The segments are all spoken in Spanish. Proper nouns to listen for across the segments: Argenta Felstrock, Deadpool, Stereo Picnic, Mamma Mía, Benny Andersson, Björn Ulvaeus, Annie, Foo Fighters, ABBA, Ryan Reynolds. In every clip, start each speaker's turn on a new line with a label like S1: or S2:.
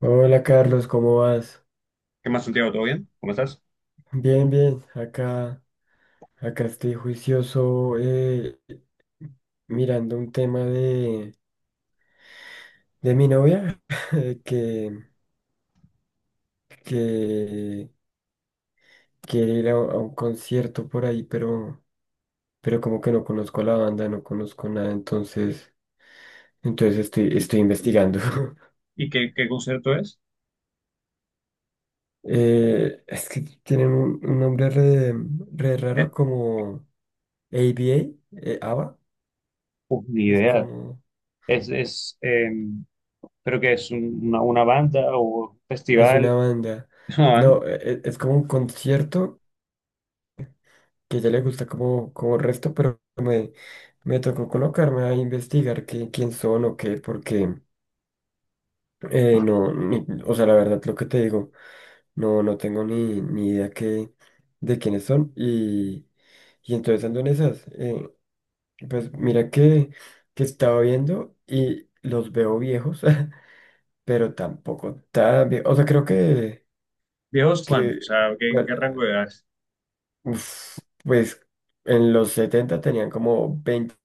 S1: Hola Carlos, ¿cómo vas?
S2: ¿Qué más, Santiago? ¿Todo bien? ¿Cómo estás?
S1: Bien, bien. Acá estoy juicioso mirando un tema de mi novia eh, que, que quiere ir a un concierto por ahí, pero como que no conozco a la banda, no conozco nada, entonces estoy investigando.
S2: ¿Y qué concierto es?
S1: Es que tienen un nombre re
S2: Eh,
S1: raro como ABA, ABBA,
S2: Pues ni
S1: es
S2: idea.
S1: como...
S2: Es, es, em, Creo que es una banda o un
S1: Es
S2: festival.
S1: una banda.
S2: No, van.
S1: No, es como un concierto que ya le gusta como resto, pero me tocó colocarme a investigar qué, quién son o qué, porque no, o sea, la verdad, lo que te digo, no, no tengo ni idea qué, de quiénes son. Y entonces ando en esas. Pues mira que estaba viendo y los veo viejos, pero tampoco tan viejos. O sea, creo que,
S2: ¿Viejos
S1: que
S2: cuántos? O sea, ¿en
S1: bueno,
S2: qué rango de edad?
S1: uf, pues en los 70 tenían como 20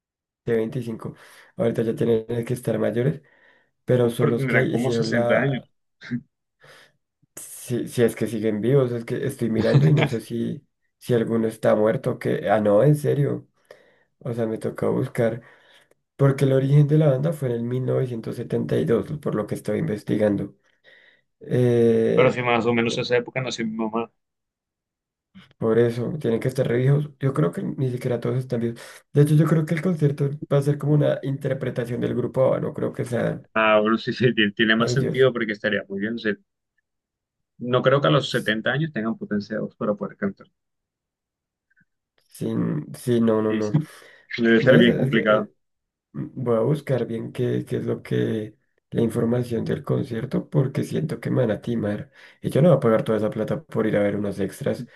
S1: veinticinco. Ahorita ya tienen que estar mayores, pero
S2: Pues
S1: son
S2: pero
S1: los que
S2: tendrán como
S1: hicieron
S2: sesenta
S1: la...
S2: años.
S1: Si es que siguen vivos, es que estoy mirando y no sé si alguno está muerto, que... Ah, no, en serio. O sea, me toca buscar. Porque el origen de la banda fue en el 1972 por lo que estoy investigando.
S2: Pero
S1: Eh,
S2: si más o menos esa época nació mi mamá.
S1: Por eso, tienen que estar reviejos. Yo creo que ni siquiera todos están vivos. De hecho, yo creo que el concierto va a ser como una interpretación del grupo ABBA, no creo que sean
S2: Ah, bueno, sí, sí, tiene más
S1: ellos.
S2: sentido porque estaría muy bien. O sea, no creo que a los
S1: S-
S2: 70 años tengan potencia de voz para poder cantar.
S1: Sin, sí, no, no,
S2: Sí,
S1: no.
S2: sí, debe ser
S1: ¿Ves?
S2: bien
S1: Es que,
S2: complicado.
S1: voy a buscar bien qué, es lo que, la información del concierto, porque siento que me van a timar. Y yo no voy a pagar toda esa plata por ir a ver unos extras.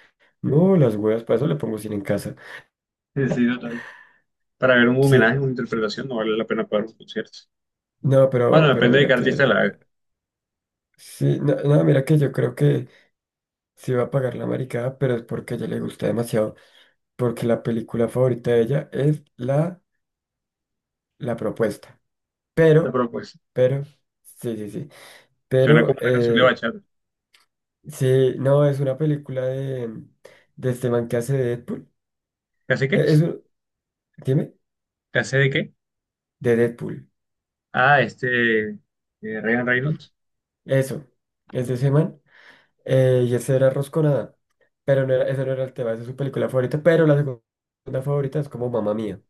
S1: No, las huevas, para eso le pongo cine en casa.
S2: Sí, sí, total. Para ver un
S1: Sí,
S2: homenaje, una interpretación, no vale la pena pagar un concierto.
S1: no,
S2: Bueno,
S1: pero
S2: depende de qué
S1: mira que,
S2: artista la haga.
S1: eh, sí, no, no, mira que yo creo que sí va a pagar la maricada, pero es porque a ella le gusta demasiado, porque la película favorita de ella es la propuesta.
S2: La
S1: Pero,
S2: propuesta.
S1: pero, sí, sí, sí.
S2: Suena
S1: Pero,
S2: como una canción de bachata.
S1: sí, no, es una película de este man que hace de Deadpool.
S2: ¿Qué hace qué?
S1: Eh, Es un- dime,
S2: ¿Qué hace de qué?
S1: de Deadpool.
S2: Ah, Ryan Reynolds.
S1: Eso, es de ese man. Y ese era Rosconada. Pero no era, ese no era el tema, esa es su película favorita, pero la segunda favorita es como Mamá Mía.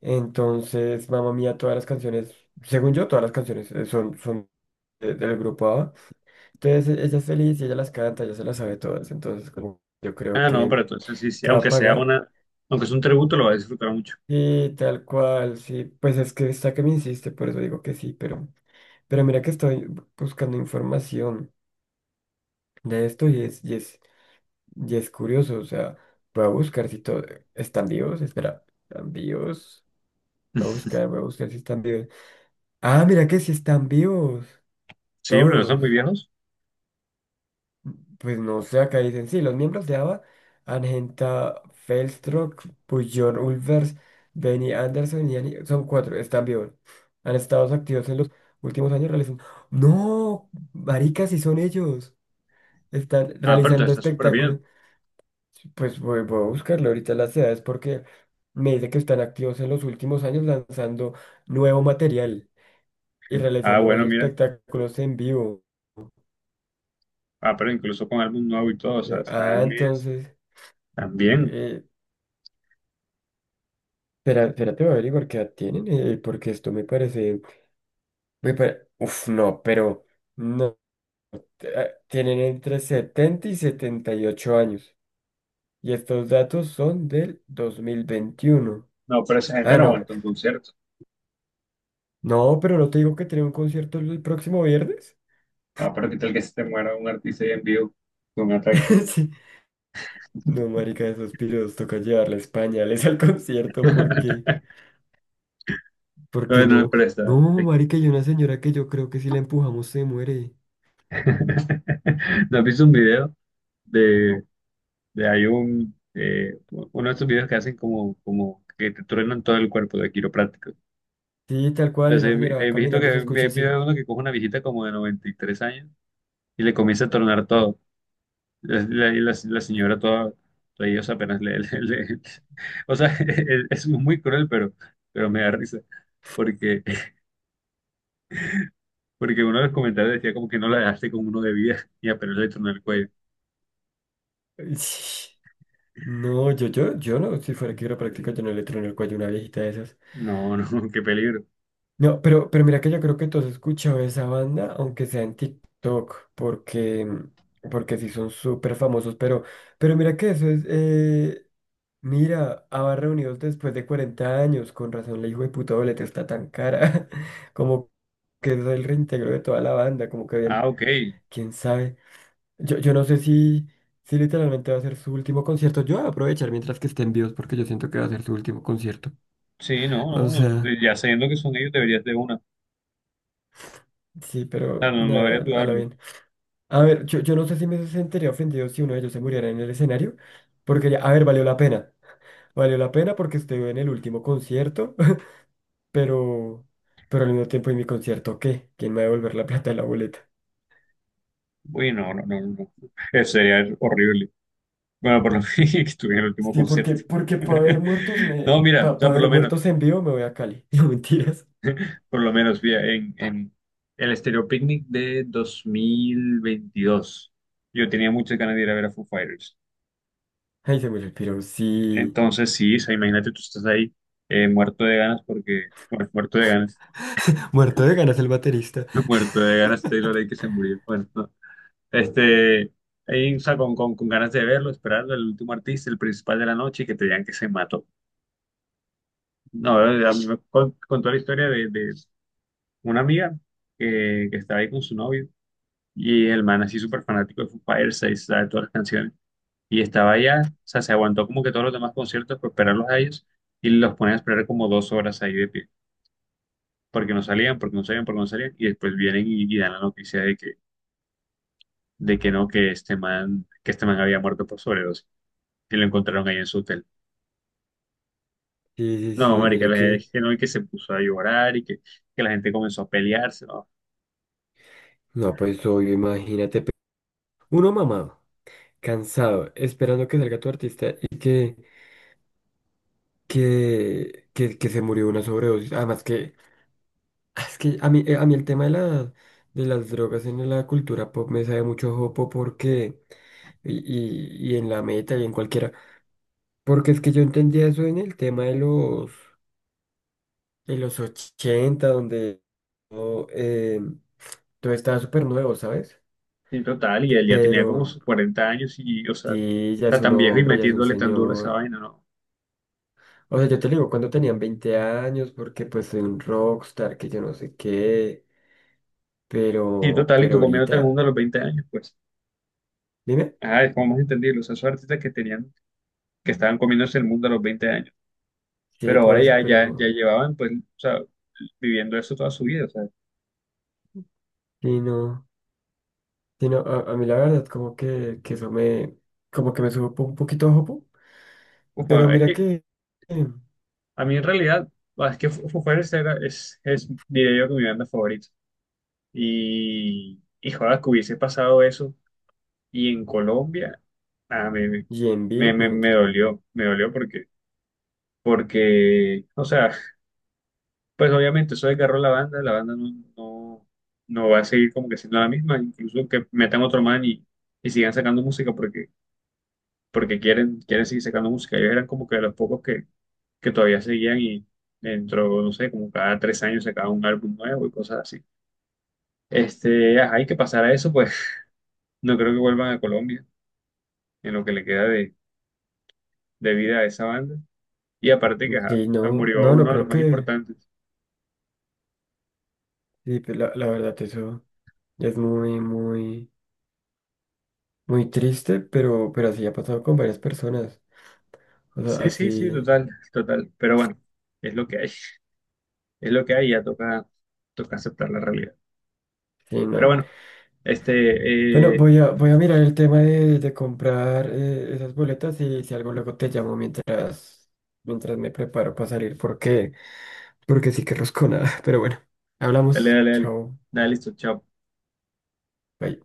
S1: Entonces, Mamma Mía, todas las canciones, según yo, todas las canciones son, son del grupo ABBA. Entonces, ella es feliz y ella las canta, ella se las sabe todas. Entonces, como yo creo
S2: Ah, no,
S1: que,
S2: pero entonces sí, sí.
S1: que va a
S2: Aunque sea
S1: pagar.
S2: una. Aunque es un tributo, lo va a disfrutar mucho.
S1: Y tal cual, sí, pues es que está que me insiste, por eso digo que sí, pero mira que estoy buscando información de esto y es curioso, o sea, voy a buscar si todo, están vivos, espera, están vivos, voy a buscar si están vivos. Ah, mira que sí están vivos.
S2: Sí, pero no son
S1: Todos.
S2: muy viejos.
S1: Pues no sé, acá dicen, sí, los miembros de ABBA, Argenta Felstrock, Björn Ulvaeus, Benny Andersson y Annie, son cuatro, están vivos. Han estado activos en los últimos años realizando... ¡No! Maricas, sí son ellos. Están
S2: Ah, pero
S1: realizando
S2: entonces está súper bien.
S1: espectáculos. Pues voy a buscarlo ahorita las edades porque me dice que están activos en los últimos años lanzando nuevo material y
S2: Ah,
S1: realizando unos
S2: bueno, mira.
S1: espectáculos en vivo.
S2: Ah, pero incluso con álbum nuevo y todo. O
S1: Yo,
S2: sea, están. es-
S1: entonces...
S2: están bien.
S1: eh, Espera, espérate, voy a averiguar qué edad tienen, porque esto me parece, uf, no, pero no. Tienen entre 70 y 78 años. Y estos datos son del 2021.
S2: No, pero esa gente
S1: Ah,
S2: no
S1: no.
S2: aguanta un concierto.
S1: No, pero no te digo que tiene un concierto el próximo viernes.
S2: Ah, pero qué tal que se te muera un artista ahí en vivo con ataque.
S1: Sí. No, marica, esos piros toca llevarles pañales al concierto porque... Porque
S2: Bueno,
S1: no.
S2: pero está.
S1: No, marica, y una señora que yo creo que si la empujamos se muere.
S2: ¿No has visto un video de, de uno de estos videos que hacen como que te truenan todo el cuerpo de quiropráctico?
S1: Sí, tal cual,
S2: Entonces,
S1: esa
S2: he vi-
S1: señora va
S2: hay viejito
S1: caminando
S2: que,
S1: y se
S2: hay
S1: escucha
S2: video
S1: así.
S2: de uno que coge una viejita como de 93 años y le comienza a tronar todo. La señora toda ellos apenas le O sea, es muy cruel, pero me da risa. Porque, porque uno de los comentarios decía como que no la dejaste con uno de vida y apenas le tronó el cuello.
S1: No, yo no, si fuera quiropráctico, yo no le trueno el cuello a una viejita de esas.
S2: No, no, qué peligro.
S1: No, pero, mira que yo creo que todos has escuchado esa banda, aunque sea en TikTok, porque, sí son súper famosos, pero mira que eso es, mira, ABBA reunidos después de 40 años, con razón la hijo de puta boleta está tan cara, como que es el reintegro de toda la banda, como que habían
S2: Ah, ok.
S1: quién sabe. Yo no sé si literalmente va a ser su último concierto. Yo voy a aprovechar mientras que estén vivos porque yo siento que va a ser su último concierto.
S2: Sí, no,
S1: O
S2: no,
S1: sea,
S2: no, ya sabiendo que son ellos, deberías de una. O
S1: sí, pero
S2: sea, no, no deberías
S1: nada, a la
S2: dudarlo.
S1: bien. A ver, yo no sé si me sentiría ofendido si uno de ellos se muriera en el escenario, porque, a ver, valió la pena. Valió la pena porque estuve en el último concierto, pero, pero, al mismo tiempo en mi concierto, ¿qué? ¿Quién me va a devolver la plata de la boleta?
S2: Uy, no, no, no, no. No. Sería horrible. Bueno, por lo menos que estuviera en el último
S1: Sí, porque,
S2: concierto.
S1: porque para ver muertos
S2: No, mira, o
S1: para
S2: sea,
S1: ver muertos en vivo me voy a Cali. No mentiras.
S2: por lo menos, mira, en el Stereo Picnic de 2022, yo tenía muchas ganas de ir a ver a Foo Fighters.
S1: Ay, se murió el piro, sí.
S2: Entonces, sí, o sea, imagínate, tú estás ahí muerto de ganas porque, bueno, muerto de ganas,
S1: Muerto de ganas el baterista.
S2: muerto de ganas, Taylor ahí que se murió. Bueno, no, Este, ahí, o sea, con ganas de verlo, esperando el último artista, el principal de la noche, y que te digan que se mató. No, a mí me contó la historia de una amiga que estaba ahí con su novio, y el man así súper fanático de Foo Fighters, se sabe todas las canciones, y estaba allá, o sea, se aguantó como que todos los demás conciertos por esperarlos a ellos, y los ponían a esperar como 2 horas ahí de pie, porque no salían, porque no salían, porque no salían, y después vienen y dan la noticia de que no, que este man había muerto por sobredosis, y lo encontraron ahí en su hotel.
S1: Sí, sí,
S2: No,
S1: sí,
S2: marica,
S1: mira
S2: la gente
S1: que.
S2: es que no, y que se puso a llorar y que la gente comenzó a pelearse, ¿no?
S1: No, pues obvio, imagínate. Uno mamado, cansado, esperando que salga tu artista y que se murió de una sobredosis. Además que, es que a mí el tema de las drogas en la cultura pop me sabe mucho jopo porque, y, y en la meta y en cualquiera, porque es que yo entendía eso en el tema de de los 80, donde... oh, em, Todo estaba súper nuevo, ¿sabes?
S2: En total, y él ya
S1: Pero
S2: tenía como sus 40 años y, o sea,
S1: sí, ya
S2: está
S1: es un
S2: tan viejo y
S1: hombre, ya es un
S2: metiéndole tan duro a esa
S1: señor.
S2: vaina, ¿no?
S1: O sea, yo te lo digo cuando tenían 20 años, porque pues soy un rockstar, que yo no sé qué.
S2: Y
S1: Pero,
S2: total, y
S1: pero
S2: tú comiéndote el
S1: ahorita,
S2: mundo a los 20 años, pues,
S1: dime.
S2: ah, es como más entendible, o sea, esos artistas que tenían, que estaban comiéndose el mundo a los 20 años,
S1: Sí,
S2: pero
S1: por
S2: ahora
S1: eso,
S2: ya, ya
S1: pero
S2: llevaban, pues, o sea, viviendo eso toda su vida, o sea,
S1: sí, no. Sí, no, a mí la verdad, como que eso como que me sube un un poquito a jopo. Pero
S2: ufa, es
S1: mira
S2: que
S1: que, eh,
S2: a mí en realidad, es que Foo Fighters diría yo, que mi banda favorita, y joder, que hubiese pasado eso. Y en Colombia, ah, me,
S1: y en
S2: me,
S1: vivo,
S2: me,
S1: no
S2: me
S1: mentira.
S2: dolió, me dolió porque, porque, o sea, pues obviamente eso desgarró la banda no, no, no va a seguir como que siendo la misma, incluso que metan otro man y sigan sacando música porque, quieren seguir sacando música. Ellos eran como que de los pocos que todavía seguían y dentro, no sé, como cada 3 años sacaban un álbum nuevo y cosas así. Ajá, y que pasara eso, pues no creo que vuelvan a Colombia en lo que le queda de vida a esa banda. Y aparte que ajá,
S1: Sí,
S2: ah,
S1: no,
S2: murió
S1: no, no
S2: uno de los
S1: creo
S2: más
S1: que,
S2: importantes.
S1: sí, pues, la verdad, eso es muy, muy. Muy triste, pero, así ha pasado con varias personas. O sea,
S2: Sí, sí, sí,
S1: así,
S2: total, total. Pero bueno, es lo que hay. Es lo que hay, ya toca, toca aceptar la realidad.
S1: sí,
S2: Pero
S1: no.
S2: bueno, este,
S1: Bueno,
S2: eh,
S1: voy a mirar el tema de comprar esas boletas y si algo luego te llamo mientras, me preparo para salir, porque sí que rosco nada. Pero bueno,
S2: dale,
S1: hablamos.
S2: dale, dale.
S1: Chao.
S2: Dale, listo, chao.
S1: Bye